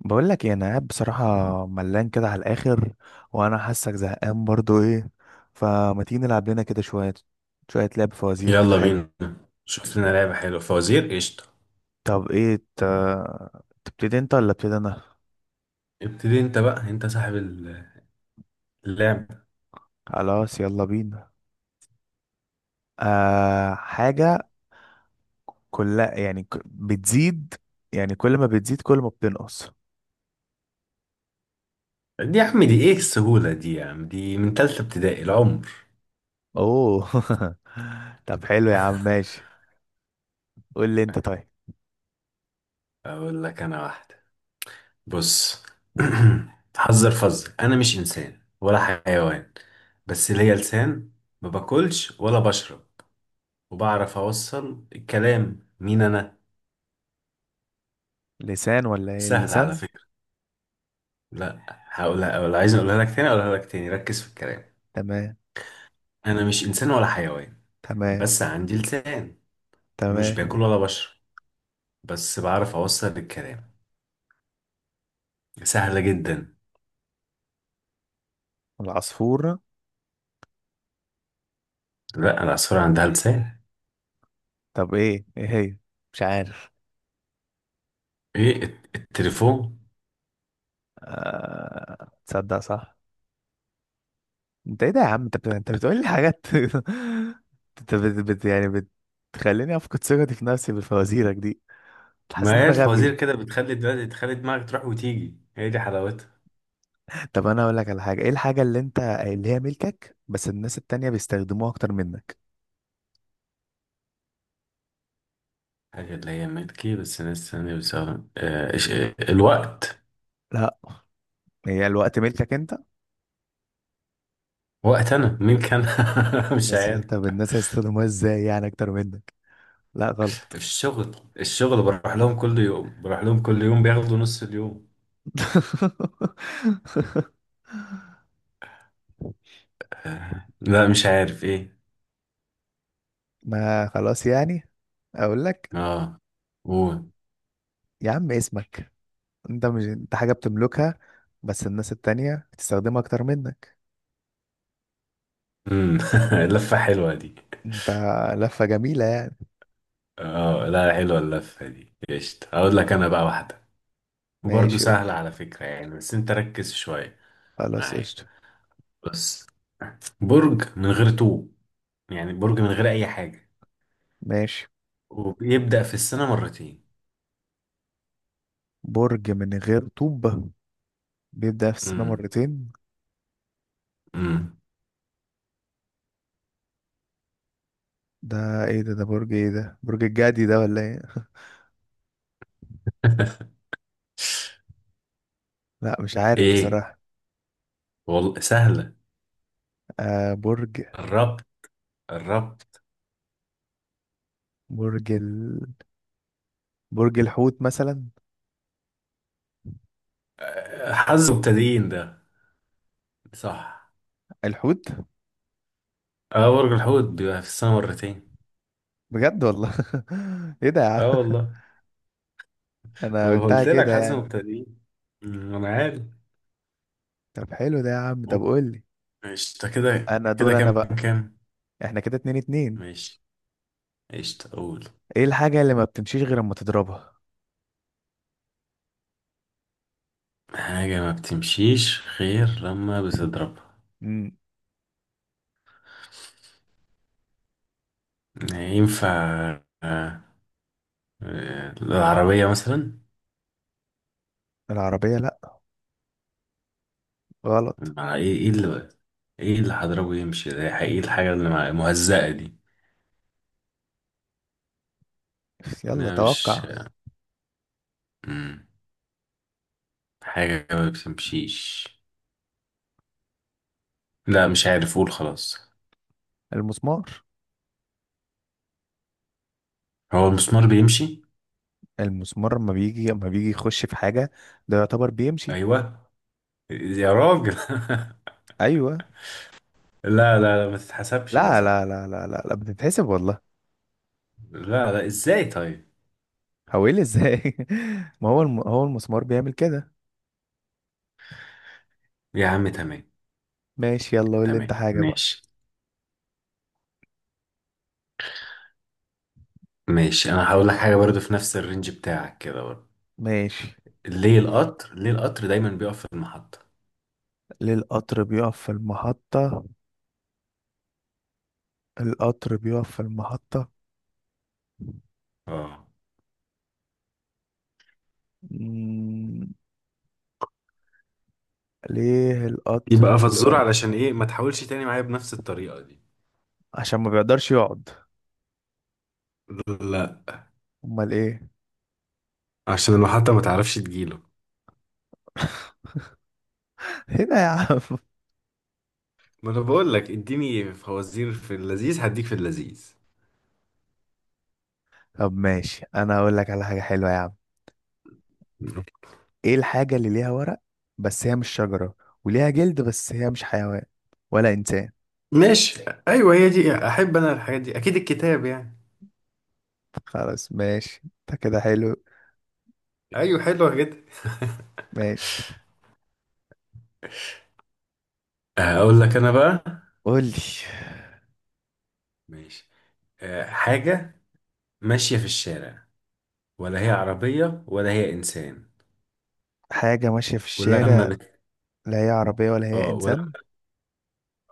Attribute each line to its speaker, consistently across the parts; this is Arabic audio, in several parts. Speaker 1: بقول لك ايه؟ انا قاعد بصراحه ملان كده على الاخر، وانا حاسك زهقان برضو. ايه فما تيجي نلعب لنا كده شويه، شويه لعب فوازير كده
Speaker 2: يلا
Speaker 1: حلو.
Speaker 2: بينا. شفت لنا لعبة حلوة فوازير قشطة.
Speaker 1: طب ايه تبتدي انت ولا ابتدي انا؟
Speaker 2: ابتدي انت بقى، انت صاحب اللعبة.
Speaker 1: خلاص يلا بينا. آه حاجه، كلها يعني بتزيد. يعني كل ما بتزيد كل ما بتنقص.
Speaker 2: دي يا عم دي، ايه السهولة دي؟ يا عم دي من تالتة ابتدائي العمر.
Speaker 1: اوه. طب حلو يا عم ماشي. قول لي انت طيب.
Speaker 2: اقول لك انا واحدة. بص. حذر فذر، انا مش انسان ولا حيوان، بس ليا لسان. ما باكلش ولا بشرب، وبعرف اوصل الكلام. مين انا؟
Speaker 1: لسان؟ ولا ايه
Speaker 2: سهل على
Speaker 1: اللسان؟
Speaker 2: فكرة. لا هقولها، ولا عايز اقولها لك تاني، اقولها لك تاني، ركز في الكلام.
Speaker 1: تمام.
Speaker 2: انا مش انسان ولا حيوان،
Speaker 1: تمام.
Speaker 2: بس عندي لسان، ومش
Speaker 1: تمام.
Speaker 2: باكل ولا بشرب، بس بعرف اوصل الكلام. سهلة جدا.
Speaker 1: العصفور.
Speaker 2: لا، العصفورة عندها لسان.
Speaker 1: طب ايه هي؟ مش عارف.
Speaker 2: ايه التليفون.
Speaker 1: تصدق صح. انت ايه ده يا عم؟ انت بتقول لي حاجات. انت يعني بتخليني افقد ثقتي في نفسي بفوازيرك دي. حاسس ان
Speaker 2: ما هي
Speaker 1: انا غبي.
Speaker 2: الفوازير كده بتخلي دلوقتي، تخلي دماغك تروح وتيجي، هي دي حلاوتها.
Speaker 1: طب انا اقول لك على حاجه. ايه الحاجه اللي انت اللي هي ملكك بس الناس التانية بيستخدموها اكتر منك؟
Speaker 2: حاجة اللي هي ملكي بس ناس تانية بتستخدم، الوقت.
Speaker 1: لا. هي الوقت ملكك انت.
Speaker 2: وقت انا مين كان؟ مش
Speaker 1: بس
Speaker 2: عارف.
Speaker 1: طب الناس هيستخدموها ازاي يعني اكتر منك؟ لا غلط.
Speaker 2: الشغل الشغل بروح لهم كل يوم، بروح لهم كل يوم بياخدوا نص اليوم. لا مش عارف ايه.
Speaker 1: ما خلاص يعني. اقول لك.
Speaker 2: اه قول.
Speaker 1: يا عم اسمك. انت مش انت حاجة بتملكها، بس الناس التانية بتستخدمها اكتر منك
Speaker 2: مم. اللفة حلوة دي.
Speaker 1: انت. لفة جميلة يعني.
Speaker 2: اه لا، حلوة اللفة دي قشطة. هقول لك انا بقى واحدة، وبرضه
Speaker 1: ماشي
Speaker 2: سهلة
Speaker 1: قولي.
Speaker 2: على فكرة يعني، بس انت ركز شوية
Speaker 1: خلاص
Speaker 2: معايا.
Speaker 1: قشطة.
Speaker 2: بص. برج من غير طوب، يعني برج من غير اي حاجة،
Speaker 1: ماشي.
Speaker 2: وبيبدأ في السنة مرتين.
Speaker 1: برج من غير طوب، بيبدأ في السنة
Speaker 2: امم.
Speaker 1: مرتين.
Speaker 2: امم.
Speaker 1: ده ايه ده؟ ده برج ايه؟ ده برج الجدي ده ولا ايه؟ لا مش عارف
Speaker 2: ايه
Speaker 1: بصراحة.
Speaker 2: والله سهلة.
Speaker 1: آه
Speaker 2: الربط الربط.
Speaker 1: برج ال... برج الحوت مثلا.
Speaker 2: آه، حظ مبتدئين ده. صح.
Speaker 1: الحوت.
Speaker 2: اه برج الحوت بيبقى في السنة مرتين.
Speaker 1: بجد والله؟ ايه ده يا عم؟
Speaker 2: اه والله.
Speaker 1: انا
Speaker 2: ما انا
Speaker 1: قلتها
Speaker 2: قلت لك
Speaker 1: كده
Speaker 2: حظ
Speaker 1: يعني.
Speaker 2: مبتدئين. انا عارف.
Speaker 1: طب حلو ده يا عم. طب قولي
Speaker 2: قشطة، كده
Speaker 1: انا
Speaker 2: كده
Speaker 1: دور انا
Speaker 2: كام؟
Speaker 1: بقى.
Speaker 2: كام؟
Speaker 1: احنا كده اتنين اتنين.
Speaker 2: ماشي. قشطة أقول.
Speaker 1: ايه الحاجة اللي ما بتمشيش غير لما تضربها؟
Speaker 2: حاجة ما بتمشيش غير لما بتضربها.
Speaker 1: مم.
Speaker 2: ينفع؟ آه، العربية مثلا.
Speaker 1: العربية، لا غلط.
Speaker 2: مع ايه ايه اللي ايه اللي هضربه يمشي ده؟ ايه الحاجة اللي مهزقة دي؟
Speaker 1: يلا
Speaker 2: لا مش.
Speaker 1: توقع.
Speaker 2: مم. حاجة ما بتمشيش. لا مش عارف، قول خلاص.
Speaker 1: المسمار.
Speaker 2: هو المسمار بيمشي؟
Speaker 1: المسمار لما بيجي يخش في حاجة. ده يعتبر بيمشي.
Speaker 2: ايوه يا راجل.
Speaker 1: ايوه.
Speaker 2: لا لا لا، ما تتحسبش ده
Speaker 1: لا،
Speaker 2: صح.
Speaker 1: لا، لا، لا، لا، لا بتتحسب والله.
Speaker 2: لا لا، ازاي طيب؟
Speaker 1: هو ايه اللي ازاي؟ ما هو هو المسمار بيعمل كده.
Speaker 2: يا عم تمام.
Speaker 1: ماشي يلا قول لي انت
Speaker 2: تمام
Speaker 1: حاجة بقى.
Speaker 2: ماشي. ماشي، انا هقول لك حاجه برضو في نفس الرينج بتاعك كده برضو.
Speaker 1: ماشي.
Speaker 2: ليه القطر، ليه القطر دايما بيقف في المحطه؟
Speaker 1: ليه القطر بيقف في المحطة؟ القطر بيقف في المحطة.
Speaker 2: اه.
Speaker 1: مم. ليه القطر
Speaker 2: يبقى فزورة
Speaker 1: بيقف؟
Speaker 2: علشان ايه؟ ما تحاولش تاني معايا بنفس الطريقة دي.
Speaker 1: عشان ما بيقدرش يقعد.
Speaker 2: لا،
Speaker 1: امال ايه؟
Speaker 2: عشان المحطة ما تعرفش تجيله.
Speaker 1: هنا يا عم.
Speaker 2: ما انا بقول لك اديني فوازير في اللذيذ، هديك في اللذيذ.
Speaker 1: طب ماشي انا هقول لك على حاجة حلوة يا عم. ايه الحاجة اللي ليها ورق بس هي مش شجرة، وليها جلد بس هي مش حيوان ولا انسان؟
Speaker 2: ماشي. ايوه، هي دي احب انا الحاجات دي، اكيد الكتاب يعني.
Speaker 1: خلاص ماشي انت كده حلو.
Speaker 2: ايوه حلوة جدا.
Speaker 1: ماشي.
Speaker 2: هقول لك انا بقى.
Speaker 1: قولي.
Speaker 2: ماشي. حاجه ماشيه في الشارع، ولا هي عربية ولا هي إنسان،
Speaker 1: حاجة ماشية في
Speaker 2: ولما
Speaker 1: الشارع،
Speaker 2: بت...
Speaker 1: لا هي عربية ولا هي
Speaker 2: اه ولما
Speaker 1: انسان.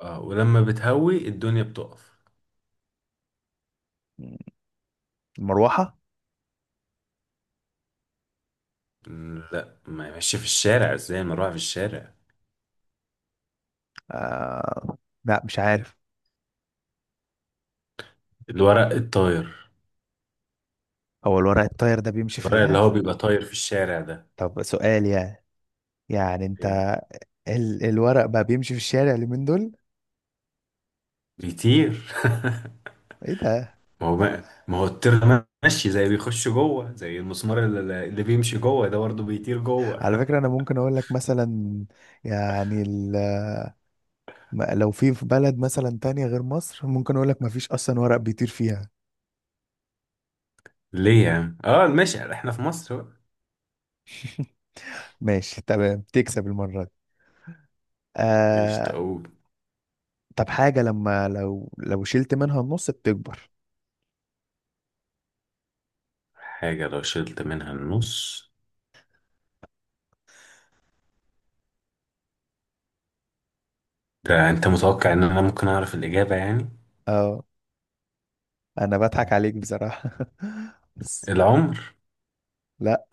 Speaker 2: اه ولما بتهوي الدنيا بتقف.
Speaker 1: مروحة.
Speaker 2: لا، ما ماشي في الشارع. ازاي ما اروح في الشارع؟
Speaker 1: آه... لا مش عارف.
Speaker 2: الورق الطاير.
Speaker 1: هو الورق الطاير ده بيمشي في
Speaker 2: الورق اللي هو
Speaker 1: اللهف؟
Speaker 2: بيبقى طاير في الشارع ده.
Speaker 1: طب سؤال يعني. يعني انت
Speaker 2: ايه
Speaker 1: الورق بقى بيمشي في الشارع اليومين دول؟
Speaker 2: بيطير.
Speaker 1: ايه ده؟
Speaker 2: ما هو الطير ده ماشي زي بيخش جوه، زي المسمار اللي بيمشي جوه ده، برضه بيطير جوه.
Speaker 1: على فكرة أنا ممكن أقول لك مثلا، يعني لو في بلد مثلا تانية غير مصر ممكن أقول لك مفيش أصلا ورق بيطير فيها.
Speaker 2: ليه يعني؟ اه ماشي، احنا في مصر بقى.
Speaker 1: ماشي تمام تكسب المرة دي.
Speaker 2: ايش
Speaker 1: آه.
Speaker 2: تقول؟
Speaker 1: طب حاجة لما لو شلت منها النص بتكبر.
Speaker 2: حاجة لو شلت منها النص. ده انت متوقع ان انا ممكن اعرف الاجابة يعني؟
Speaker 1: اه. أنا بضحك عليك بصراحة. بس
Speaker 2: العمر.
Speaker 1: لا.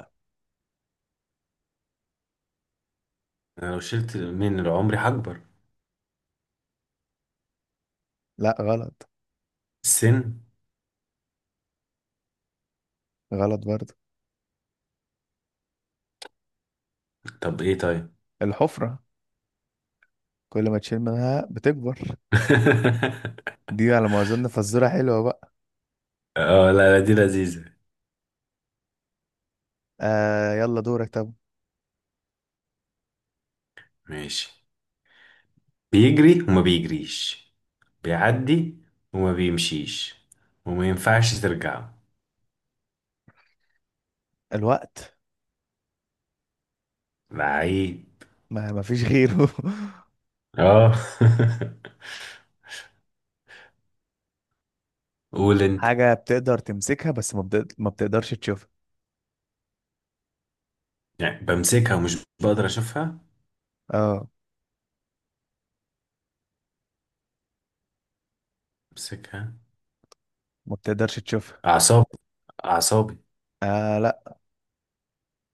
Speaker 2: انا لو شلت من العمر هكبر.
Speaker 1: لا غلط.
Speaker 2: السن.
Speaker 1: غلط برضه.
Speaker 2: طب ايه طيب.
Speaker 1: الحفرة. كل ما تشيل منها بتكبر. دي على ما أظن فزورة حلوة بقى.
Speaker 2: اه لا لا، دي لذيذة.
Speaker 1: آه يلا دورك طب.
Speaker 2: ماشي. بيجري وما بيجريش، بيعدي وما بيمشيش، وما ينفعش ترجعه.
Speaker 1: الوقت.
Speaker 2: لعيب.
Speaker 1: ما فيش غيره.
Speaker 2: اه. قول انت.
Speaker 1: حاجة بتقدر تمسكها بس ما بتقدرش تشوفها.
Speaker 2: يعني بمسكها ومش بقدر اشوفها؟
Speaker 1: اه.
Speaker 2: بمسكها.
Speaker 1: ما بتقدرش تشوفها.
Speaker 2: اعصابي. اعصابي.
Speaker 1: آه لا.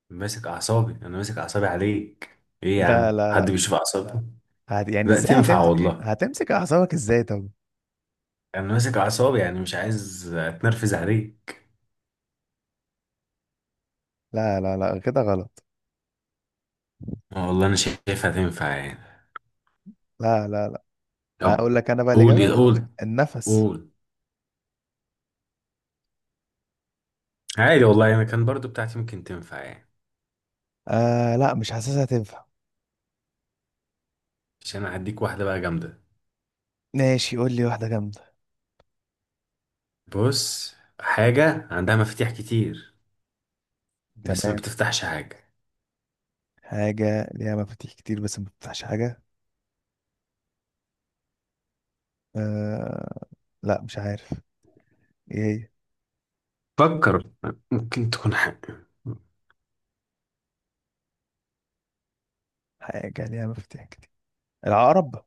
Speaker 2: ماسك اعصابي، انا ماسك اعصابي عليك. ايه يا
Speaker 1: لا
Speaker 2: عم،
Speaker 1: لا لا.
Speaker 2: حد بيشوف اعصابي؟
Speaker 1: يعني
Speaker 2: لا
Speaker 1: ازاي
Speaker 2: تنفع
Speaker 1: هتمسك؟
Speaker 2: والله.
Speaker 1: هتمسك اعصابك ازاي طب؟
Speaker 2: انا ماسك اعصابي يعني مش عايز اتنرفز عليك.
Speaker 1: لا لا لا كده غلط.
Speaker 2: والله انا شايفها تنفع يعني.
Speaker 1: لا لا لا.
Speaker 2: طب
Speaker 1: اقول لك انا بقى
Speaker 2: قول ايه،
Speaker 1: الإجابة.
Speaker 2: قول.
Speaker 1: النفس.
Speaker 2: قول. عادي والله، انا كان برضو بتاعتي ممكن تنفع يعني.
Speaker 1: آه لا مش حاسسها تنفع.
Speaker 2: مش، انا هديك واحدة بقى جامدة.
Speaker 1: ماشي قول لي واحدة جامدة.
Speaker 2: بص، حاجة عندها مفاتيح كتير، بس ما
Speaker 1: تمام.
Speaker 2: بتفتحش حاجة.
Speaker 1: حاجة ليها مفاتيح كتير بس ما بتفتحش حاجة. آه. لا مش عارف. ايه هي؟
Speaker 2: فكر، ممكن تكون حاجة.
Speaker 1: حاجة ليها مفاتيح كتير. العقرب.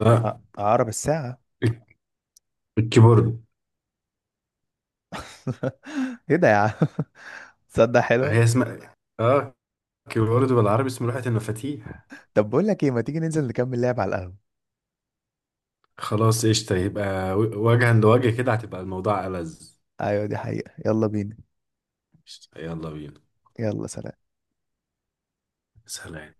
Speaker 2: اه
Speaker 1: آه، عقرب الساعة.
Speaker 2: الكيبورد.
Speaker 1: ايه ده يا عم؟ تصدق حلوة.
Speaker 2: هي اسمها، اه، كيبورد، بالعربي اسمه لوحة المفاتيح.
Speaker 1: طب بقول لك ايه، ما تيجي ننزل نكمل لعب على القهوة؟
Speaker 2: خلاص قشطة، يبقى وجها لوجه كده هتبقى الموضوع ألذ.
Speaker 1: ايوه دي حقيقة يلا بينا.
Speaker 2: يلا بينا.
Speaker 1: يلا سلام.
Speaker 2: سلام.